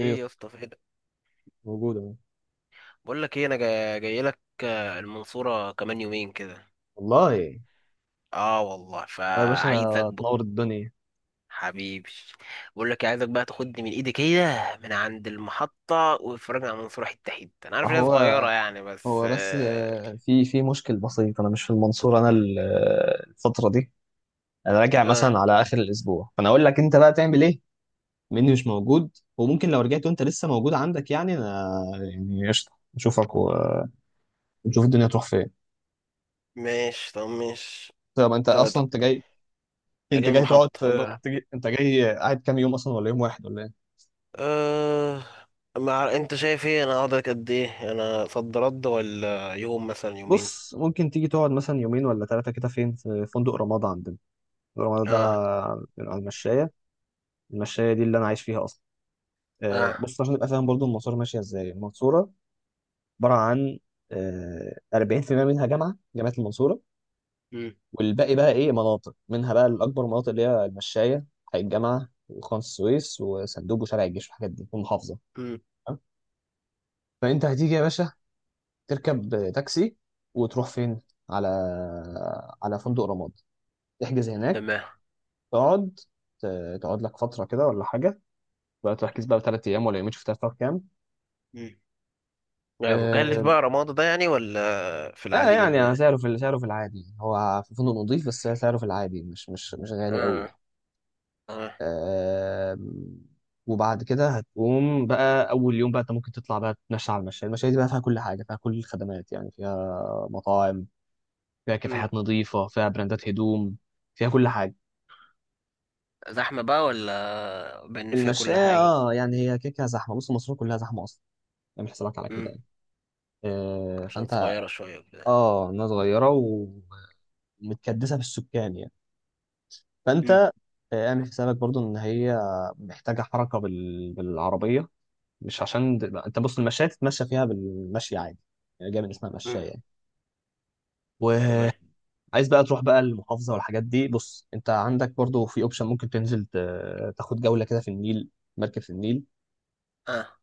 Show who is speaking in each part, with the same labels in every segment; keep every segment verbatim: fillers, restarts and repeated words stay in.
Speaker 1: ايه،
Speaker 2: يا اسطى، فين؟
Speaker 1: موجود اهو.
Speaker 2: بقول لك ايه، انا جاي, جاي لك، آه، المنصوره كمان يومين كده.
Speaker 1: والله.
Speaker 2: اه والله،
Speaker 1: أنا يا باشا
Speaker 2: فعايزك بقى.
Speaker 1: تنور الدنيا.
Speaker 2: حبيبي. بقول لك إيه، عايزك بقى تاخدني من ايدي كده، من عند المحطه وتفرجني على المنصوره حته حته. انا عارف ان هي
Speaker 1: هو
Speaker 2: صغيره يعني، بس
Speaker 1: هو بس
Speaker 2: اه,
Speaker 1: آه، في في مشكل بسيط، انا مش في المنصورة. انا ال- آه، الفترة دي انا راجع
Speaker 2: آه
Speaker 1: مثلا على اخر الاسبوع، فانا اقول لك انت بقى تعمل ايه. مني مش موجود، وممكن لو رجعت وانت لسه موجود عندك يعني انا يعني قشطه نشوفك و- ونشوف الدنيا تروح فين.
Speaker 2: ماشي طب ماشي.
Speaker 1: طب انت
Speaker 2: آه
Speaker 1: اصلا
Speaker 2: طب
Speaker 1: انت جاي؟ انت
Speaker 2: اجي من
Speaker 1: جاي تقعد
Speaker 2: المحطه
Speaker 1: في-
Speaker 2: أبط-
Speaker 1: هتجي انت جاي قاعد كام يوم اصلا، ولا يوم واحد ولا ايه؟
Speaker 2: آه مع، انت شايف ايه، انا اقعد لك قد ايه، انا صد رد ولا يوم مثلا يومين.
Speaker 1: بص، ممكن تيجي تقعد مثلا يومين ولا ثلاثه كده فين في فندق رمضان، عندنا الرمادة
Speaker 2: اه
Speaker 1: ده من على المشاية. المشاية دي اللي أنا عايش فيها أصلا. آه،
Speaker 2: اه.
Speaker 1: بص، عشان تبقى فاهم برضو المنصورة ماشية إزاي. المنصورة عبارة عن آه، أربعين بالمية منها جامعة، جامعة المنصورة.
Speaker 2: مم.
Speaker 1: والباقي بقى إيه، مناطق، منها بقى الأكبر مناطق اللي هي المشاية، حي الجامعة وخان السويس وسندوب وشارع الجيش والحاجات دي، والمحافظة.
Speaker 2: مم.
Speaker 1: تمام؟ فأنت هتيجي يا باشا، تركب تاكسي وتروح فين؟ على على فندق رماد، تحجز هناك،
Speaker 2: تمام.
Speaker 1: تقعد، ت- تقعد لك فترة كده ولا حاجة، بقى تركيز بقى بثلاث ايام ولا يومين، شفتها في كام.
Speaker 2: لا، مكلف
Speaker 1: آه
Speaker 2: بقى رمادة ده يعني ولا في
Speaker 1: لا
Speaker 2: العادي
Speaker 1: يعني
Speaker 2: منه
Speaker 1: أنا
Speaker 2: يعني؟
Speaker 1: سعره في سعره في العادي هو في فندق نظيف، بس سعره في العادي مش مش مش غالي قوي
Speaker 2: اه
Speaker 1: يعني.
Speaker 2: اه.
Speaker 1: آه وبعد كده هتقوم بقى اول يوم، بقى انت ممكن تطلع بقى تتمشى على المشاية. المشاية دي بقى فيها كل حاجه، فيها كل الخدمات يعني، فيها مطاعم، فيها
Speaker 2: مم.
Speaker 1: كافيهات نظيفه، فيها براندات هدوم، فيها كل حاجه.
Speaker 2: زحمة بقى ولا بان فيها كل
Speaker 1: المشاية
Speaker 2: حاجة؟
Speaker 1: اه يعني هي كيكه زحمه، بص مصر كلها زحمه اصلا، اعمل حسابك على كده
Speaker 2: مم.
Speaker 1: يعني. آه
Speaker 2: عشان
Speaker 1: فانت،
Speaker 2: صغيرة شوية وكده.
Speaker 1: اه، الناس صغيره، متكدسه في السكان يعني. فانت
Speaker 2: مم.
Speaker 1: آه، اعمل حسابك برضو ان هي محتاجه حركه بال... بالعربيه. مش عشان د... انت بص، المشاية تتمشى فيها بالمشي عادي، يعني جاي من اسمها
Speaker 2: مم.
Speaker 1: مشاية يعني.
Speaker 2: تمام.
Speaker 1: وعايز بقى تروح بقى المحافظه والحاجات دي، بص انت عندك برضو في اوبشن، ممكن تنزل ت... تاخد جوله كده في النيل، مركب في النيل.
Speaker 2: اه.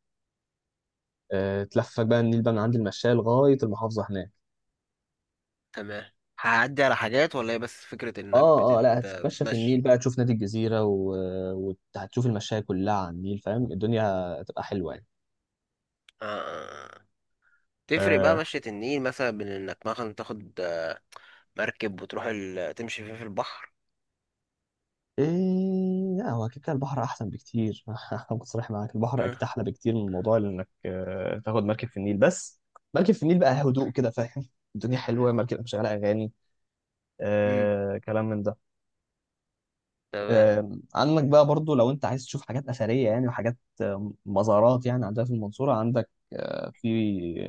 Speaker 1: آه، تلفك بقى النيل بقى من عند المشاية لغايه المحافظه هناك.
Speaker 2: تمام. هعدي على حاجات ولا هي بس فكرة انك
Speaker 1: اه اه
Speaker 2: بتت...
Speaker 1: لا، هتتمشى في النيل
Speaker 2: بتمشي؟
Speaker 1: بقى، تشوف نادي الجزيره، وهتشوف و... وهتشوف المشاية كلها على النيل. فاهم؟ الدنيا هتبقى حلوه
Speaker 2: اه. آه، آه. تفرق بقى
Speaker 1: يعني.
Speaker 2: مشية النيل مثلا بين انك مثلا تاخد مركب وتروح ال... تمشي فيه في البحر؟
Speaker 1: ايه، لا، هو اكيد كان البحر احسن بكتير. هكون صريح معاك، البحر اكيد
Speaker 2: اه.
Speaker 1: احلى بكتير من موضوع انك آه، تاخد مركب في النيل. بس مركب في النيل بقى هدوء كده، فاهم؟ الدنيا حلوه، مركب مشغله اغاني،
Speaker 2: مم.
Speaker 1: آه كلام من ده.
Speaker 2: تمام.
Speaker 1: آه عندك بقى برضو لو انت عايز تشوف حاجات اثريه يعني، وحاجات آه، مزارات يعني، عندها في المنصوره. عندك آه في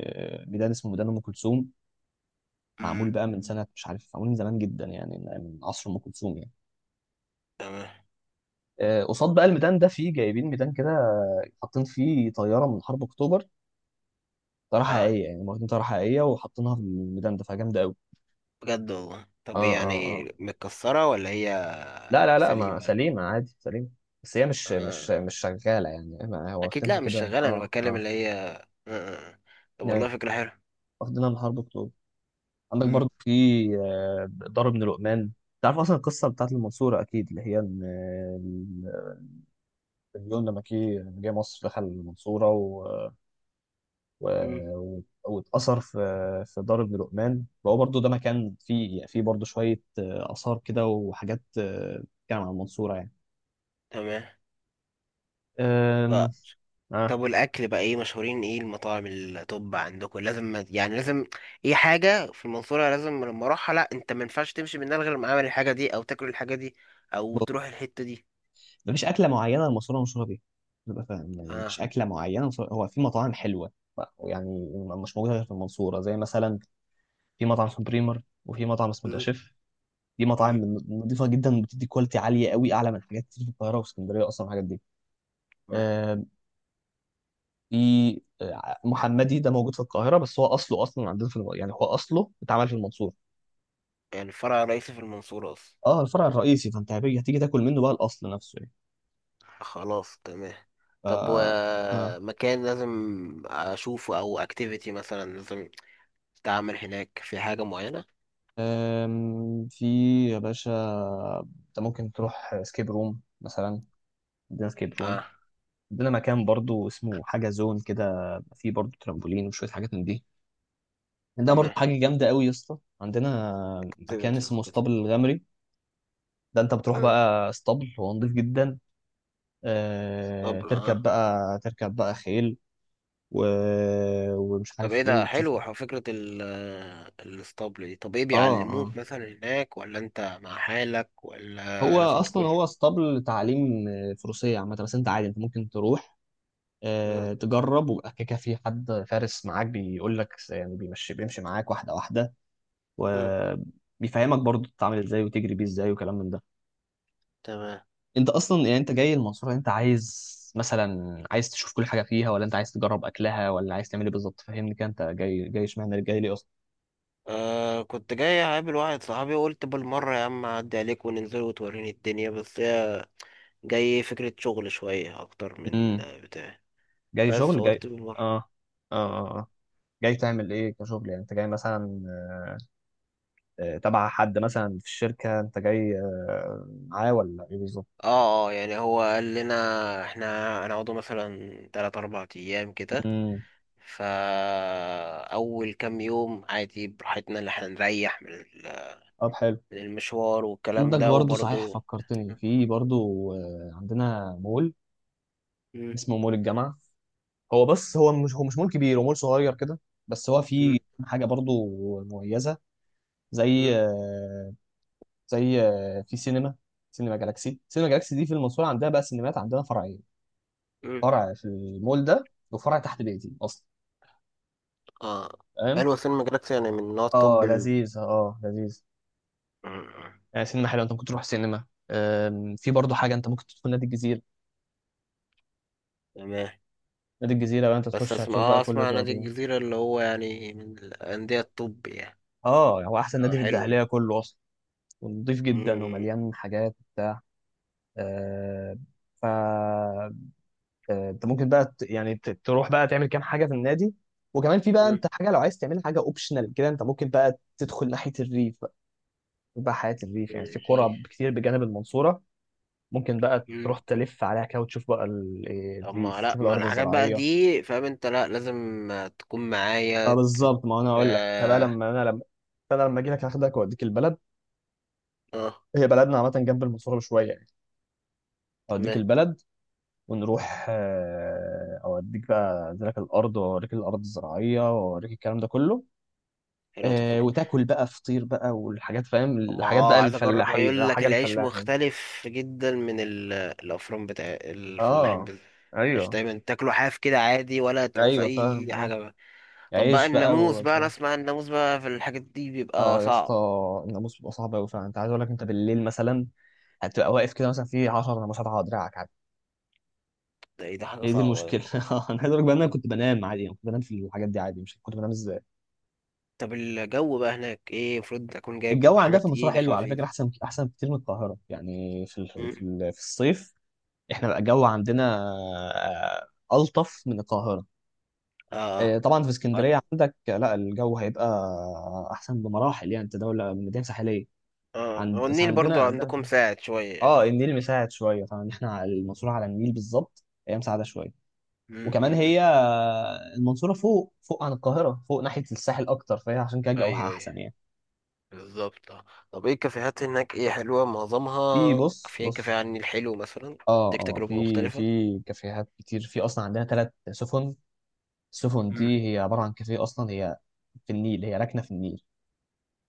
Speaker 1: آه، ميدان اسمه ميدان ام كلثوم، معمول
Speaker 2: مم.
Speaker 1: بقى من سنه، مش عارف، معمول من زمان جدا يعني، من من عصر ام كلثوم يعني.
Speaker 2: تمام.
Speaker 1: آه، قصاد بقى الميدان ده فيه، جايبين ميدان كده آه، حاطين فيه طياره من حرب اكتوبر. طياره
Speaker 2: اه.
Speaker 1: حقيقيه يعني، هم واخدين طياره حقيقيه وحاطينها في الميدان ده، فجامده قوي.
Speaker 2: بجد والله.
Speaker 1: اه،
Speaker 2: طب
Speaker 1: اه،
Speaker 2: يعني
Speaker 1: اه،
Speaker 2: متكسرة ولا هي
Speaker 1: لا، لا، لا، ما
Speaker 2: سليمة؟
Speaker 1: سليمة عادي، سليمة. بس هي مش
Speaker 2: آه.
Speaker 1: مش مش شغالة يعني، ما هو
Speaker 2: أكيد،
Speaker 1: واخدينها
Speaker 2: لأ مش
Speaker 1: كده،
Speaker 2: شغالة، أنا
Speaker 1: اه،
Speaker 2: بتكلم
Speaker 1: اه.
Speaker 2: اللي هي. آه. آه. آه. طب
Speaker 1: ايوه،
Speaker 2: والله فكرة حلوة.
Speaker 1: واخدينها من حرب اكتوبر. عندك
Speaker 2: مم.
Speaker 1: برضو في آه، دار ابن لقمان. تعرف اصلا القصه بتاعت المنصوره اكيد، اللي هي ان آه، ال- النابليون لما كي- لما جه مصر دخل المنصوره و...
Speaker 2: مم.
Speaker 1: و- واتأثر في في دار ابن لقمان. فهو برضه ده مكان فيه فيه برضه شوية آه، آثار كده، وحاجات آه، بتتكلم عن المنصورة يعني.
Speaker 2: تمام. ف-
Speaker 1: أم... آه.
Speaker 2: طب والأكل بقى إيه؟ مشهورين إيه المطاعم التوب عندكم؟ لازم يعني لازم إيه حاجة في المنصورة لازم لما أروحها، لأ أنت ما ينفعش تمشي من هنا غير لما أعمل الحاجة دي أو تاكل الحاجة دي أو
Speaker 1: بص،
Speaker 2: تروح الحتة دي.
Speaker 1: مفيش أكلة معينة المنصورة مشهورة بيها، تبقى فاهم يعني.
Speaker 2: آه.
Speaker 1: مفيش أكلة معينة المنصورة- هو في مطاعم حلوة ف- يعني مش موجودة غير في المنصورة، زي مثلا في مطعم اسمه بريمر، وفي مطعم اسمه
Speaker 2: مم.
Speaker 1: داشيف. دي
Speaker 2: مم.
Speaker 1: مطاعم نظيفة جدا، وبتدي كواليتي عالية قوي، أعلى من حاجات كتير في القاهرة واسكندرية أصلا الحاجات دي.
Speaker 2: تمام.
Speaker 1: آه، في آه، محمدي ده موجود في القاهره، بس هو اصله اصلا عندنا في الم... يعني هو اصله اتعمل في المنصوره.
Speaker 2: يعني الفرع الرئيسي في المنصورة أصلا.
Speaker 1: اه، الفرع الرئيسي. فانت هتيجي هتيجي تاكل منه بقى الاصل نفسه يعني.
Speaker 2: خلاص، تمام.
Speaker 1: ف
Speaker 2: طب
Speaker 1: اه
Speaker 2: ومكان لازم اشوفه او اكتيفيتي مثلا لازم تعمل هناك، في حاجة معينة؟
Speaker 1: أم، في يا باشا، انت ممكن تروح سكيب روم مثلا، عندنا سكيب روم.
Speaker 2: اه.
Speaker 1: عندنا مكان برضو اسمه حاجه زون كده، فيه برضو ترامبولين وشويه حاجات من دي. عندنا برضو
Speaker 2: تمام.
Speaker 1: حاجه جامده قوي يا اسطى، عندنا مكان
Speaker 2: اكتيفيتيز
Speaker 1: اسمه
Speaker 2: وكده.
Speaker 1: اسطبل الغمري. ده انت بتروح
Speaker 2: آه.
Speaker 1: بقى اسطبل، هو نضيف جدا، آه،
Speaker 2: طب اه.
Speaker 1: تركب بقى، تركب بقى خيل و... ومش
Speaker 2: طب
Speaker 1: عارف
Speaker 2: ايه،
Speaker 1: ايه،
Speaker 2: ده
Speaker 1: وتشوف.
Speaker 2: حلو، ح- فكرة ال الاسطبل دي. طب ايه،
Speaker 1: اه، اه،
Speaker 2: بيعلموك مثلا هناك ولا انت مع حالك
Speaker 1: هو
Speaker 2: ولا لازم
Speaker 1: اصلا،
Speaker 2: تكون؟
Speaker 1: هو اسطبل تعليم آه، فروسيه عامه، بس انت عادي انت ممكن تروح
Speaker 2: مم.
Speaker 1: آه، تجرب، ويبقى كده، كده في حد فارس معاك بيقول لك يعني، بيمشي بيمشي معاك واحده واحده،
Speaker 2: مم.
Speaker 1: وبيفهمك برضو تتعامل ازاي وتجري بيه ازاي وكلام من ده.
Speaker 2: تمام.
Speaker 1: انت اصلا يعني انت جاي المنصوره، انت عايز مثلا، عايز تشوف كل حاجه فيها، ولا انت عايز تجرب اكلها، ولا عايز تعمل ايه بالظبط؟ فهمني كده، انت جاي جاي اشمعنى جاي ليه اصلا؟
Speaker 2: آه، كنت جاي اقابل واحد صحابي، وقلت بالمرة يا عم اعدي عليك وننزل وتوريني الدنيا، بس هي جاي فكرة شغل شوية أكتر من
Speaker 1: امم
Speaker 2: بتاع،
Speaker 1: جاي
Speaker 2: بس
Speaker 1: شغل، جاي.
Speaker 2: قلت بالمرة.
Speaker 1: اه، اه، اه، آه. جاي تعمل ايه كشغل يعني؟ انت جاي مثلا آه، تبع حد مثلا في الشركة، انت جاي آه، معاه، ولا ايه بالظبط؟
Speaker 2: اه اه، يعني هو قال لنا احنا هنقعدوا مثلا تلات اربع ايام كده،
Speaker 1: امم
Speaker 2: فا اول كام يوم عادي براحتنا، اللي احنا نريح من ال-
Speaker 1: طب حلو.
Speaker 2: من المشوار والكلام
Speaker 1: عندك
Speaker 2: ده
Speaker 1: برضو صحيح،
Speaker 2: وبرضه.
Speaker 1: فكرتني في برضو آه، عندنا مول
Speaker 2: مم.
Speaker 1: اسمه مول الجامعة، هو بس هو مش هو مش مول كبير، هو مول صغير كده. بس هو فيه
Speaker 2: مم.
Speaker 1: حاجة برضو مميزة، زي
Speaker 2: مم.
Speaker 1: آه، زي آه، في سينما، سينما جالاكسي سينما جالاكسي دي في المنصورة عندها بقى سينمات عندنا فرعية،
Speaker 2: مم.
Speaker 1: فرع في المول ده، وفرع تحت بيتي اصلا.
Speaker 2: اه،
Speaker 1: فاهم.
Speaker 2: حلو. سينما جالاكسي يعني من نوع الطب
Speaker 1: اه
Speaker 2: ال...
Speaker 1: لذيذ، اه لذيذ،
Speaker 2: مم.
Speaker 1: يعني سينما حلوه، انت ممكن تروح سينما. أم، في برضه حاجه، انت ممكن تدخل نادي الجزيره.
Speaker 2: تمام.
Speaker 1: نادي الجزيره لو انت
Speaker 2: بس
Speaker 1: تخش
Speaker 2: اسمع،
Speaker 1: هتشوف بقى
Speaker 2: اه
Speaker 1: كل
Speaker 2: اسمع، نادي
Speaker 1: الرياضيات.
Speaker 2: الجزيرة اللي هو يعني من الأندية الطب يعني؟
Speaker 1: اه، هو احسن
Speaker 2: اه،
Speaker 1: نادي في
Speaker 2: حلو.
Speaker 1: الدقهليه كله اصلا، ونضيف جدا
Speaker 2: مم.
Speaker 1: ومليان حاجات وبتاع. أه ف آه، انت ممكن بقى ت- يعني ت- تروح بقى تعمل كام حاجه في النادي. وكمان في بقى
Speaker 2: مم.
Speaker 1: انت حاجه لو عايز تعمل حاجه اوبشنال كده، انت ممكن بقى تدخل ناحيه الريف بقى، يبقى حياه الريف يعني. في قرى كتير بجانب المنصوره، ممكن بقى تروح
Speaker 2: مم.
Speaker 1: تلف عليها كده، وتشوف بقى ال- إيه
Speaker 2: طب
Speaker 1: دي
Speaker 2: ما لا،
Speaker 1: تشوف
Speaker 2: ما
Speaker 1: الارض
Speaker 2: الحاجات بقى
Speaker 1: الزراعيه.
Speaker 2: دي فاهم، انت لا لازم تكون معايا
Speaker 1: اه
Speaker 2: ت-
Speaker 1: بالظبط، ما انا اقول لك انا بقى،
Speaker 2: اه,
Speaker 1: لما انا لما، فانا لما اجي لك هاخدك واوديك البلد.
Speaker 2: آه.
Speaker 1: هي بلدنا عامه جنب المنصوره بشويه يعني، اوديك
Speaker 2: تمام.
Speaker 1: البلد، ونروح، آه، اوديك بقى أنزلك الارض، واوريك الارض الزراعيه، واوريك الكلام ده كله.
Speaker 2: حلوة
Speaker 1: آه،
Speaker 2: الفكرة.
Speaker 1: وتاكل بقى فطير بقى، والحاجات، فاهم
Speaker 2: اما
Speaker 1: الحاجات بقى
Speaker 2: اه، عايز اجرب،
Speaker 1: الفلاحين
Speaker 2: يقول
Speaker 1: آه،
Speaker 2: لك
Speaker 1: حاجه
Speaker 2: العيش
Speaker 1: الفلاح يعني.
Speaker 2: مختلف جدا من ال- الافران بتاع الفلاحين
Speaker 1: اه،
Speaker 2: بت- العيش
Speaker 1: ايوه،
Speaker 2: دايما تاكله حاف كده عادي ولا تعوز
Speaker 1: ايوه،
Speaker 2: اي
Speaker 1: فاهم، اه،
Speaker 2: حاجة بقى. طب بقى
Speaker 1: عيش بقى.
Speaker 2: الناموس بقى، انا اسمع الناموس بقى في الحاجات دي بيبقى
Speaker 1: اه يا اسطى،
Speaker 2: صعب.
Speaker 1: الناموس بيبقى صعب قوي فعلا. انت عايز اقول لك، انت بالليل مثلا هتبقى واقف كده مثلا في عشرة ناموسات على دراعك عادي.
Speaker 2: ده ايه، ده حاجة
Speaker 1: هي دي
Speaker 2: صعبة.
Speaker 1: المشكله. انا عايز اقول لك بقى ان انا
Speaker 2: ده.
Speaker 1: كنت بنام عادي، يعني كنت بنام في الحاجات دي عادي، مش كنت بنام ازاي.
Speaker 2: طب الجو بقى هناك ايه؟ المفروض اكون جايب
Speaker 1: الجو
Speaker 2: حاجة
Speaker 1: عندها في المنصوره
Speaker 2: تقيلة،
Speaker 1: حلو على
Speaker 2: خفيف؟
Speaker 1: فكره، احسن، احسن كتير من القاهره، يعني في ال- في
Speaker 2: مم.
Speaker 1: ال- في الصيف احنا بقى الجو عندنا آه، الطف من القاهره. آه،
Speaker 2: اه
Speaker 1: طبعا في
Speaker 2: اه.
Speaker 1: اسكندريه عندك آه، لا الجو هيبقى احسن بمراحل يعني، انت دوله مدينه ساحليه.
Speaker 2: آه. هو
Speaker 1: عند بس
Speaker 2: النيل برضو
Speaker 1: عندنا
Speaker 2: عندكم ساعد شوية يعني.
Speaker 1: اه النيل مساعد شويه طبعا، ان احنا على- المنصوره على النيل بالظبط، هي مساعده شويه.
Speaker 2: مم.
Speaker 1: وكمان
Speaker 2: مم. مم.
Speaker 1: هي المنصوره فوق فوق عن القاهره، فوق ناحيه الساحل اكتر، فهي عشان كده جوها
Speaker 2: ايوه ايوه.
Speaker 1: احسن يعني.
Speaker 2: بالظبط. آه. طب ايه الكافيهات هناك، ايه حلوة
Speaker 1: في
Speaker 2: معظمها؟
Speaker 1: بص،
Speaker 2: في كافيه
Speaker 1: بص،
Speaker 2: على النيل حلو مثلا،
Speaker 1: اه،
Speaker 2: اديك
Speaker 1: اه،
Speaker 2: تجربة
Speaker 1: في
Speaker 2: مختلفة؟
Speaker 1: في كافيهات كتير، في اصلا عندنا ثلاث سفن. السفن
Speaker 2: مم.
Speaker 1: دي هي عباره عن كافيه اصلا، هي في النيل، هي راكنه في النيل.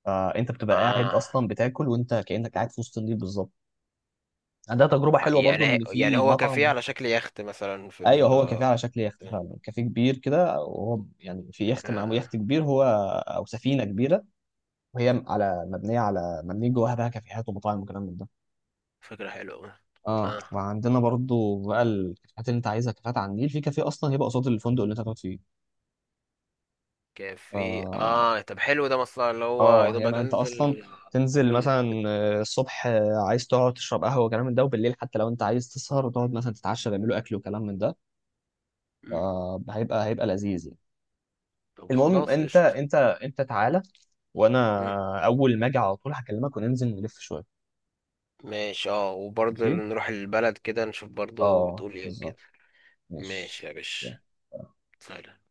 Speaker 1: فانت بتبقى قاعد
Speaker 2: اه.
Speaker 1: اصلا بتاكل، وانت كانك قاعد في وسط النيل بالظبط. عندها تجربه حلوه برضو،
Speaker 2: يعني،
Speaker 1: ان
Speaker 2: يعني
Speaker 1: في
Speaker 2: هو كافيه
Speaker 1: مطعم،
Speaker 2: على شكل يخت مثلا، في
Speaker 1: ايوه،
Speaker 2: ال
Speaker 1: هو كافيه
Speaker 2: آه.
Speaker 1: على شكل يخت فعلا، كافيه كبير كده، وهو يعني في يخت معمول،
Speaker 2: آه.
Speaker 1: يخت كبير هو، او سفينه كبيره، وهي على مبنيه، على مبنيه جواها بقى كافيهات ومطاعم وكلام من ده.
Speaker 2: فكرة حلوة أوي.
Speaker 1: اه،
Speaker 2: اه،
Speaker 1: وعندنا برضو بقى الكافيهات اللي انت عايزها، كافيهات على النيل، في كافيه اصلا هيبقى قصاد الفندق اللي انت هتقعد فيه.
Speaker 2: كافيه.
Speaker 1: اه،
Speaker 2: اه طب حلو، ده مصلحة، اللي هو يا
Speaker 1: اه، هي
Speaker 2: دوبك
Speaker 1: ما انت اصلا
Speaker 2: انزل.
Speaker 1: تنزل
Speaker 2: قول.
Speaker 1: مثلا آه، الصبح آه، عايز تقعد تشرب قهوه وكلام من ده، وبالليل حتى لو انت عايز تسهر وتقعد مثلا تتعشى بيعملوا اكل وكلام من ده.
Speaker 2: مم.
Speaker 1: آه هيبقى، هيبقى لذيذ يعني.
Speaker 2: طب
Speaker 1: المهم
Speaker 2: خلاص،
Speaker 1: انت،
Speaker 2: قشطة.
Speaker 1: انت انت تعالى،
Speaker 2: مم.
Speaker 1: وانا اول ما اجي على طول هكلمك وننزل نلف شويه.
Speaker 2: ماشي، اه، وبرضه
Speaker 1: ماشي،
Speaker 2: نروح البلد كده نشوف برضه
Speaker 1: اه،
Speaker 2: بتقول ايه وكده.
Speaker 1: بالظبط، ماشي.
Speaker 2: ماشي يا باشا.
Speaker 1: يلا.
Speaker 2: سلام.